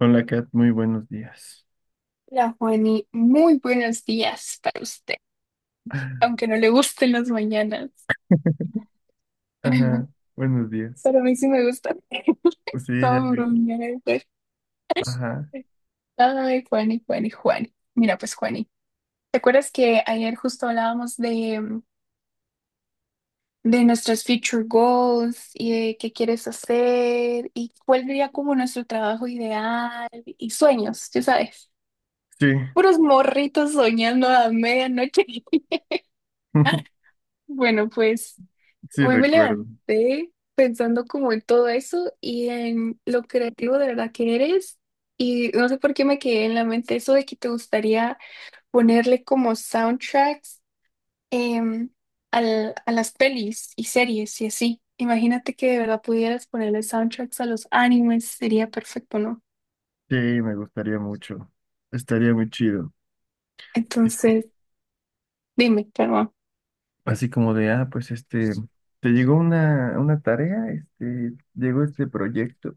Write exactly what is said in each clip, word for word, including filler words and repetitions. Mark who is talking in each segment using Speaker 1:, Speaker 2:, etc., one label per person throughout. Speaker 1: Hola Kat, muy buenos días.
Speaker 2: Hola, Juani, muy buenos días para usted, aunque no le gusten las mañanas.
Speaker 1: Ajá, buenos días.
Speaker 2: Pero a mí sí me gustan.
Speaker 1: Sí, ya
Speaker 2: Todo
Speaker 1: vi.
Speaker 2: bromear, pues.
Speaker 1: Ajá,
Speaker 2: Ay, Juani, Juani, Juani. Mira, pues, Juani, ¿te acuerdas que ayer justo hablábamos de, mm, de nuestros future goals y de qué quieres hacer y cuál sería como nuestro trabajo ideal y sueños, ya sabes?
Speaker 1: sí,
Speaker 2: Puros morritos soñando a medianoche. Bueno, pues.
Speaker 1: sí
Speaker 2: Hoy me
Speaker 1: recuerdo.
Speaker 2: levanté pensando como en todo eso y en lo creativo de verdad que eres. Y no sé por qué me quedé en la mente eso de que te gustaría ponerle como soundtracks em, al- a las pelis y series y así. Imagínate que de verdad pudieras ponerle soundtracks a los animes, sería perfecto, ¿no?
Speaker 1: Sí, me gustaría mucho. Estaría muy chido. Así co-
Speaker 2: Entonces, dime, perdón.
Speaker 1: Así como de, ah, pues este, te llegó una, una tarea, este, llegó este proyecto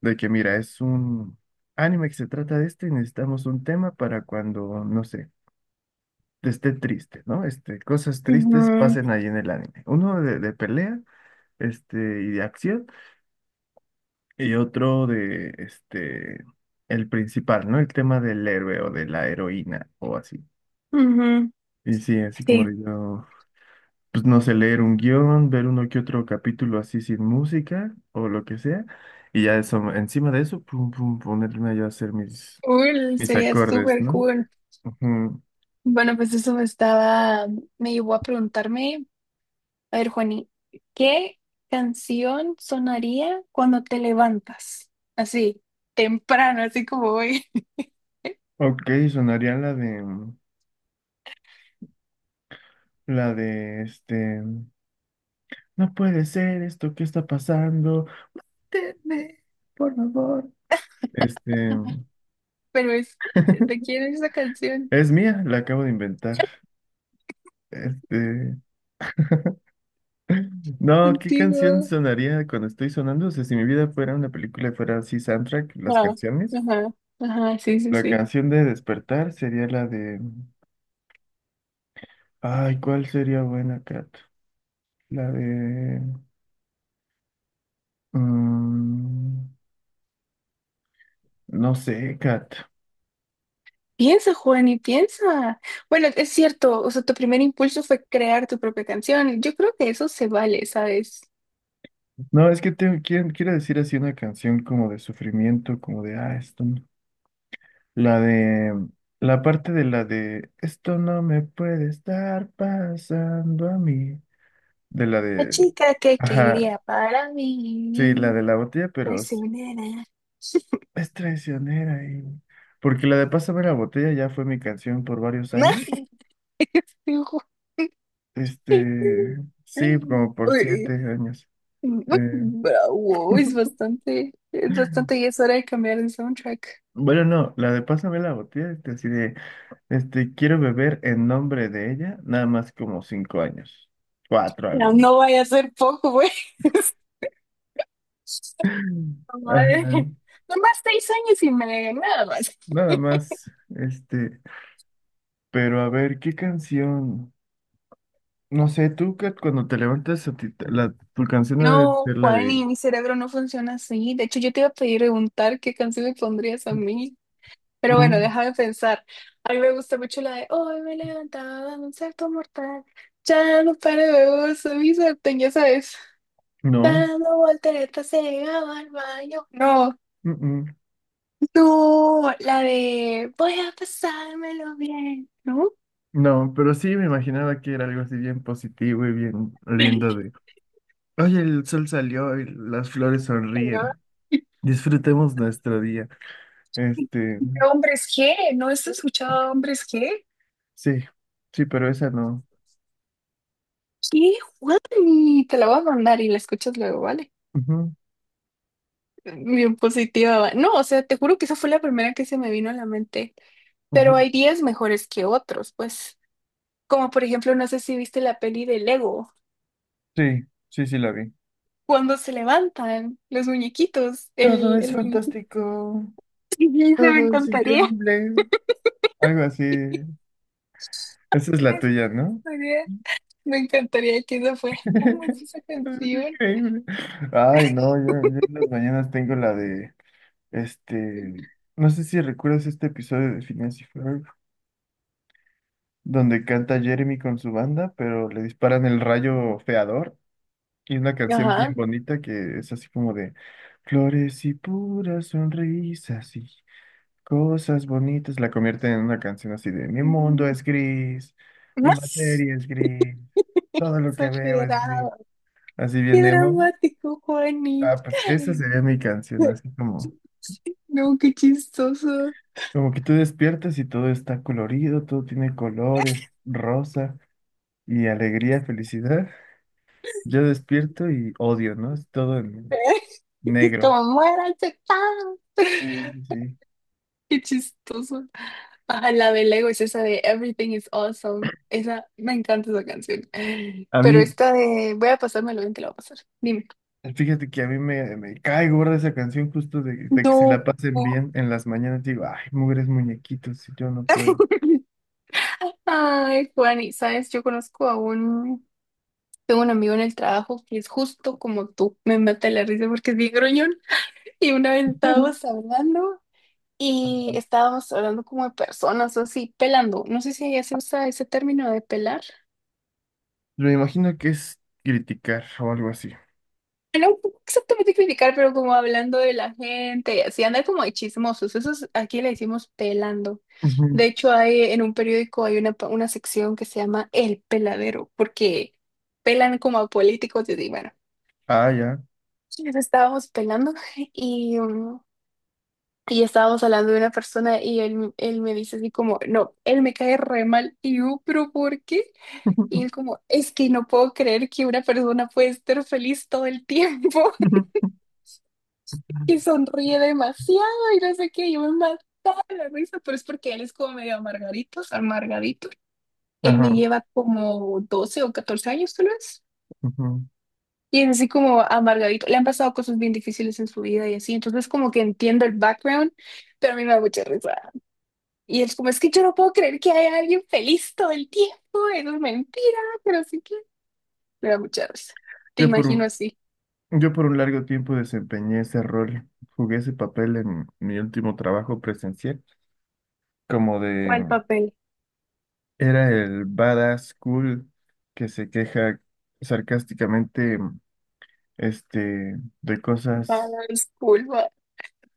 Speaker 1: de que mira, es un anime que se trata de esto y necesitamos un tema para cuando, no sé, esté triste, ¿no? Este, cosas tristes
Speaker 2: Ujú,
Speaker 1: pasen ahí en el anime. Uno de, de pelea, este, y de acción. Y otro de, este, el principal, ¿no? El tema del héroe o de la heroína o así.
Speaker 2: ujú,
Speaker 1: Y sí, así como
Speaker 2: sí.
Speaker 1: digo, pues no sé, leer un guión, ver uno que otro capítulo así sin música o lo que sea. Y ya eso, encima de eso, pum, pum, ponerme yo a hacer mis,
Speaker 2: Cool,
Speaker 1: mis
Speaker 2: sería
Speaker 1: acordes,
Speaker 2: súper
Speaker 1: ¿no?
Speaker 2: cool.
Speaker 1: Ujú.
Speaker 2: Bueno, pues eso me estaba, me llevó a preguntarme. A ver, Juani, ¿qué canción sonaría cuando te levantas? Así, temprano, así como hoy.
Speaker 1: Ok, sonaría la de, la de, este, no puede ser esto, ¿qué está pasando? Tenme, por favor. Este,
Speaker 2: Pero es, ¿de quién es esa canción?
Speaker 1: es mía, la acabo de inventar. Este, no, ¿qué canción
Speaker 2: Contigo.
Speaker 1: sonaría cuando estoy sonando? O sea, si mi vida fuera una película y fuera así soundtrack, las
Speaker 2: Ajá,
Speaker 1: canciones.
Speaker 2: ajá, ajá, sí, sí,
Speaker 1: La
Speaker 2: sí.
Speaker 1: canción de Despertar sería la de... Ay, ¿cuál sería buena, Kat? La de... mm, no sé, Kat.
Speaker 2: Piensa, Juani, piensa. Bueno, es cierto, o sea, tu primer impulso fue crear tu propia canción. Yo creo que eso se vale, ¿sabes?
Speaker 1: No, es que tengo, quiero, quiero decir así una canción como de sufrimiento, como de... Ah, esto... no. La de... La parte de la de... Esto no me puede estar pasando a mí. De la
Speaker 2: La
Speaker 1: de...
Speaker 2: chica que
Speaker 1: Ajá,
Speaker 2: quería para
Speaker 1: sí, la
Speaker 2: mí,
Speaker 1: de la botella, pero es,
Speaker 2: prisionera.
Speaker 1: es traicionera. Y... Porque la de Pásame la botella ya fue mi canción por varios años. Este, sí, como por
Speaker 2: Uy,
Speaker 1: siete años. Eh,
Speaker 2: bravo, es bastante, es bastante y es hora de cambiar el soundtrack.
Speaker 1: bueno, no, la de Pásame la botella, este, así de, este, quiero beber en nombre de ella, nada más como cinco años, cuatro a lo
Speaker 2: No, no
Speaker 1: mucho.
Speaker 2: vaya a ser poco, güey. Madre.
Speaker 1: Ajá,
Speaker 2: Nomás seis años y me nada más.
Speaker 1: nada más, este, pero a ver, ¿qué canción? No sé, tú que cuando te levantas, a ti te- la, tu canción debe
Speaker 2: No,
Speaker 1: ser la
Speaker 2: Juan,
Speaker 1: de...
Speaker 2: y mi cerebro no funciona así. De hecho, yo te iba a pedir preguntar qué canción me pondrías a mí. Pero bueno,
Speaker 1: Mm,
Speaker 2: déjame pensar. A mí me gusta mucho la de Hoy me levantaba de un salto mortal. Ya no paro de vos, mi sartén, ya sabes.
Speaker 1: no,
Speaker 2: Dando volteretas se llegaba al baño. No,
Speaker 1: mm, mm,
Speaker 2: no, la de voy a pasármelo bien, ¿no?
Speaker 1: no, pero sí me imaginaba que era algo así bien positivo y bien lindo de... Oye, el sol salió y las flores
Speaker 2: Señor,
Speaker 1: sonríen. Disfrutemos nuestro día. Este,
Speaker 2: hombres G, ¿no has escuchado hombres G?
Speaker 1: sí, sí, pero esa no.
Speaker 2: ¿Qué, Juan? Te la voy a mandar y la escuchas luego, ¿vale?
Speaker 1: Ujú,
Speaker 2: Bien positiva. Va. No, o sea, te juro que esa fue la primera que se me vino a la mente. Pero
Speaker 1: ujú.
Speaker 2: hay días mejores que otros, pues. Como por ejemplo, no sé si viste la peli de Lego,
Speaker 1: Sí, sí, sí la vi.
Speaker 2: cuando se levantan los muñequitos,
Speaker 1: Todo
Speaker 2: el,
Speaker 1: es
Speaker 2: el muñequito.
Speaker 1: fantástico,
Speaker 2: Y dice, me
Speaker 1: todo es
Speaker 2: encantaría.
Speaker 1: increíble. Algo así. Esa es la
Speaker 2: Eso me
Speaker 1: tuya, ¿no?
Speaker 2: encantaría. Me encantaría que eso fuera como es esa
Speaker 1: Es
Speaker 2: canción.
Speaker 1: increíble. Ay, no, yo, yo en las mañanas tengo la de, este, no sé si recuerdas este episodio de Phineas y Ferb, donde canta Jeremy con su banda, pero le disparan el rayo feador y una canción bien
Speaker 2: Ajá.
Speaker 1: bonita que es así como de flores y puras sonrisas y cosas bonitas, la convierten en una canción así de mi mundo
Speaker 2: Mm,
Speaker 1: es gris, mi
Speaker 2: más
Speaker 1: materia es gris, todo lo que veo es gris,
Speaker 2: exagerado.
Speaker 1: así
Speaker 2: Qué
Speaker 1: bien emo.
Speaker 2: dramático, Juani.
Speaker 1: Ah, pues esa sería mi canción, así como,
Speaker 2: No, qué chistoso.
Speaker 1: como que tú despiertas y todo está colorido, todo tiene colores, rosa y alegría, felicidad. Yo despierto y odio, ¿no? Es todo en
Speaker 2: Es
Speaker 1: negro.
Speaker 2: como muera chacán.
Speaker 1: Sí, sí, sí.
Speaker 2: Qué chistoso. Ajá, la de Lego es esa de Everything is Awesome. Esa, me encanta esa canción.
Speaker 1: A
Speaker 2: Pero
Speaker 1: mí,
Speaker 2: esta de voy a pasármelo bien, te la voy a pasar. Dime.
Speaker 1: fíjate que a mí me, me cae gorda esa canción justo de, de que se la
Speaker 2: No.
Speaker 1: pasen bien en las mañanas. Digo, ay, mugres muñequitos, si yo no puedo.
Speaker 2: Ay, Juan, y sabes, yo conozco a un, tengo un amigo en el trabajo que es justo como tú, me mata la risa porque es bien gruñón, y una vez estábamos hablando y estábamos hablando como de personas o así, pelando, no sé si allá se usa ese término de pelar.
Speaker 1: Me imagino que es criticar o algo así.
Speaker 2: Bueno, no exactamente criticar, pero como hablando de la gente, y así anda como de chismosos, eso es- aquí le decimos pelando.
Speaker 1: Ujú.
Speaker 2: De hecho, hay en un periódico hay una, pa- una sección que se llama El Peladero, porque pelan como a políticos y así, bueno.
Speaker 1: Ah, ya.
Speaker 2: Nos estábamos pelando y, mm, y estábamos hablando de una persona y él, él me dice así como, no, él me cae re mal y yo, pero ¿por qué? Y él como, es que no puedo creer que una persona puede estar feliz todo el tiempo y sonríe demasiado y no sé qué, yo me mataba de la risa, pero es porque él es como medio amargadito, amargadito. Él me
Speaker 1: Ajá.
Speaker 2: lleva como doce o catorce años tal vez.
Speaker 1: Ujú.
Speaker 2: Y es así como amargadito. Le han pasado cosas bien difíciles en su vida y así. Entonces como que entiendo el background, pero a mí me da mucha risa. Y es como, es que yo no puedo creer que haya alguien feliz todo el tiempo. Eso es mentira, pero sí que me da mucha risa. Te
Speaker 1: Yo por
Speaker 2: imagino
Speaker 1: un,
Speaker 2: así.
Speaker 1: yo por un largo tiempo desempeñé ese rol, jugué ese papel en mi último trabajo presencial, como de,
Speaker 2: ¿Cuál papel?
Speaker 1: era el badass cool que se queja sarcásticamente, este, de cosas.
Speaker 2: Badass cool. ba-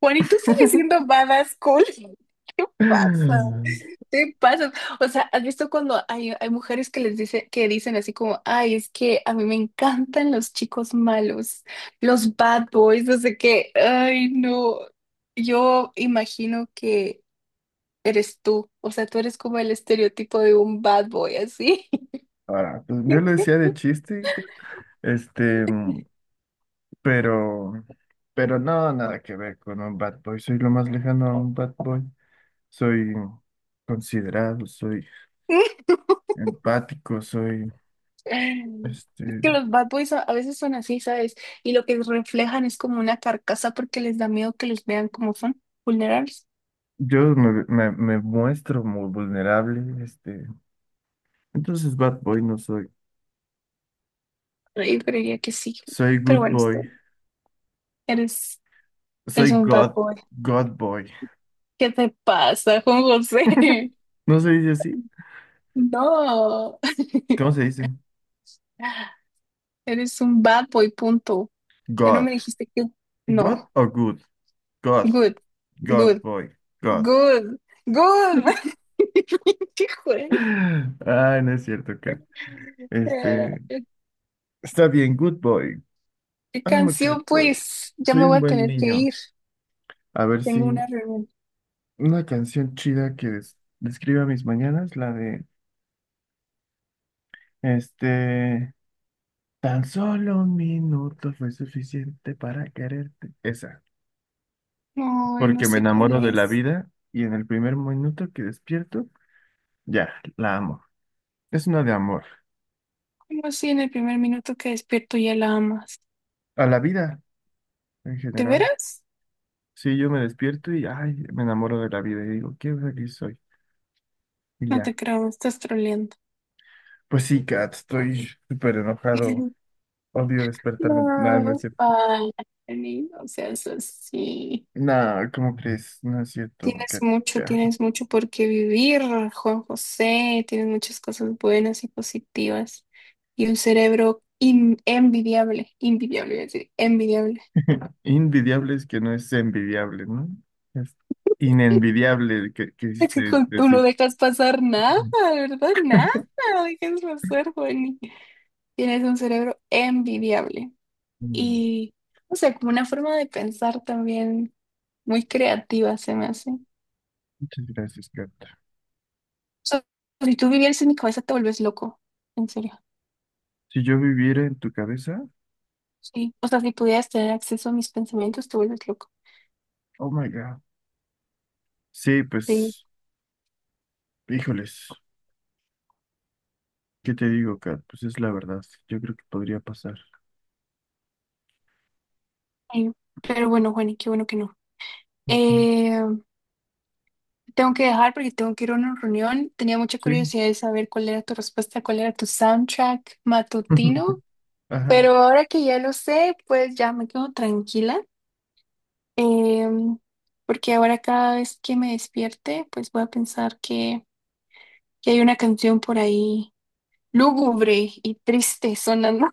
Speaker 2: Juan, ¿y tú sigues siendo badass cool? ¿Qué pasa? Te pasas. O sea, ¿has visto cuando hay, hay mujeres que les dice, que dicen así como, ay, es que a mí me encantan los chicos malos, los bad boys, no sé qué, ay, no. Yo imagino que eres tú. O sea, tú eres como el estereotipo de un bad boy, así.
Speaker 1: Ahora, pues, yo lo decía de chiste, este, pero, pero no, nada que ver con un bad boy, soy lo más lejano a un bad boy, soy considerado, soy... Empático soy.
Speaker 2: Es
Speaker 1: Este,
Speaker 2: que los bad boys a a veces son así, ¿sabes? Y lo que reflejan es como una carcasa porque les da miedo que los vean como son, vulnerables.
Speaker 1: yo me, me- Me muestro muy vulnerable. Este, entonces bad boy no soy.
Speaker 2: Yo creería que sí.
Speaker 1: Soy
Speaker 2: Pero
Speaker 1: good
Speaker 2: bueno, esto
Speaker 1: boy.
Speaker 2: eres. Es
Speaker 1: Soy
Speaker 2: un bad
Speaker 1: God,
Speaker 2: boy.
Speaker 1: God boy.
Speaker 2: ¿Qué te pasa, Juan José?
Speaker 1: ¿No se dice así?
Speaker 2: No.
Speaker 1: ¿Cómo se dice?
Speaker 2: Eres un bad boy, punto. Ya no
Speaker 1: God.
Speaker 2: me dijiste que... No.
Speaker 1: God o good. God.
Speaker 2: Good.
Speaker 1: God
Speaker 2: Good.
Speaker 1: boy. God.
Speaker 2: Good. Good. Pinche Juan.
Speaker 1: Ay, no es cierto que. Este,
Speaker 2: Eh,
Speaker 1: Está bien, good boy.
Speaker 2: ¿Qué
Speaker 1: I'm a good
Speaker 2: canción,
Speaker 1: boy.
Speaker 2: pues? Ya
Speaker 1: Soy
Speaker 2: me voy
Speaker 1: un
Speaker 2: a
Speaker 1: buen
Speaker 2: tener que
Speaker 1: niño.
Speaker 2: ir.
Speaker 1: A ver si
Speaker 2: Tengo una reunión.
Speaker 1: una canción chida que des- describa mis mañanas, la de... Este, tan solo un minuto fue suficiente para quererte. Esa,
Speaker 2: Ay, no
Speaker 1: porque me
Speaker 2: sé cuál
Speaker 1: enamoro de la
Speaker 2: es.
Speaker 1: vida y en el primer minuto que despierto, ya, la amo. Es una de amor.
Speaker 2: ¿Cómo así en el primer minuto que despierto ya la amas?
Speaker 1: A la vida en
Speaker 2: ¿De
Speaker 1: general.
Speaker 2: veras?
Speaker 1: Sí, yo me despierto y, ay, me enamoro de la vida y digo, qué feliz soy. Y
Speaker 2: No te
Speaker 1: ya.
Speaker 2: creo, me estás troleando.
Speaker 1: Pues sí, Kat, estoy súper enojado. Odio despertarme. Nada, no es
Speaker 2: No,
Speaker 1: cierto.
Speaker 2: ay, Jenny, no seas así.
Speaker 1: Nah, ¿cómo crees? No es cierto,
Speaker 2: Tienes
Speaker 1: Kat.
Speaker 2: mucho,
Speaker 1: Ya.
Speaker 2: tienes mucho por qué vivir, Juan José. Tienes muchas cosas buenas y positivas. Y un cerebro in- envidiable, envidiable, iba a decir, envidiable.
Speaker 1: Invidiable es que no es envidiable, ¿no? Es inenvidiable, que
Speaker 2: Es que
Speaker 1: quisiste
Speaker 2: con- tú no
Speaker 1: decir.
Speaker 2: dejas pasar nada, ¿verdad? Nada, no dejas pasar, Juani. Tienes un cerebro envidiable.
Speaker 1: Mm,
Speaker 2: Y, o sea, como una forma de pensar también muy creativa se me hace.
Speaker 1: muchas gracias, Kat.
Speaker 2: Sea, si tú vivieras en mi cabeza, te vuelves loco. En serio.
Speaker 1: Si yo viviera en tu cabeza,
Speaker 2: Sí. O sea, si pudieras tener acceso a mis pensamientos, te vuelves loco.
Speaker 1: oh my God. Sí,
Speaker 2: Sí,
Speaker 1: pues, híjoles, ¿qué te digo, Kat? Pues es la verdad. Yo creo que podría pasar.
Speaker 2: sí. Pero bueno, Juani, qué bueno que no.
Speaker 1: Ujú.
Speaker 2: Eh, tengo que dejar porque tengo que ir a una reunión. Tenía mucha
Speaker 1: Sí.
Speaker 2: curiosidad de saber cuál era tu respuesta, cuál era tu soundtrack matutino.
Speaker 1: Ajá.
Speaker 2: Pero ahora que ya lo sé, pues ya me quedo tranquila. Em, porque ahora cada vez que me despierte, pues voy a pensar que, que hay una canción por ahí lúgubre y triste sonando.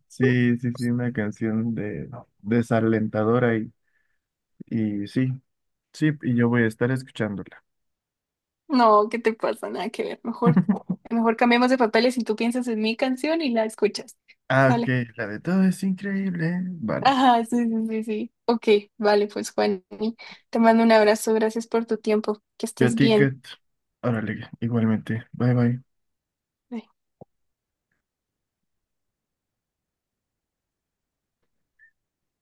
Speaker 1: Sí, sí, sí, una canción de desalentadora y, y sí, sí, y yo voy a estar escuchándola.
Speaker 2: No, ¿qué te pasa? Nada que ver. Mejor, mejor cambiemos de papeles y tú piensas en mi canción y la escuchas.
Speaker 1: Ah, ok,
Speaker 2: Vale.
Speaker 1: la de todo es increíble. Vale.
Speaker 2: Ajá, sí, sí, sí, sí. Ok, vale, pues Juan, te mando un abrazo. Gracias por tu tiempo. Que
Speaker 1: Yo a
Speaker 2: estés bien.
Speaker 1: ticket. Órale, igualmente. Bye bye.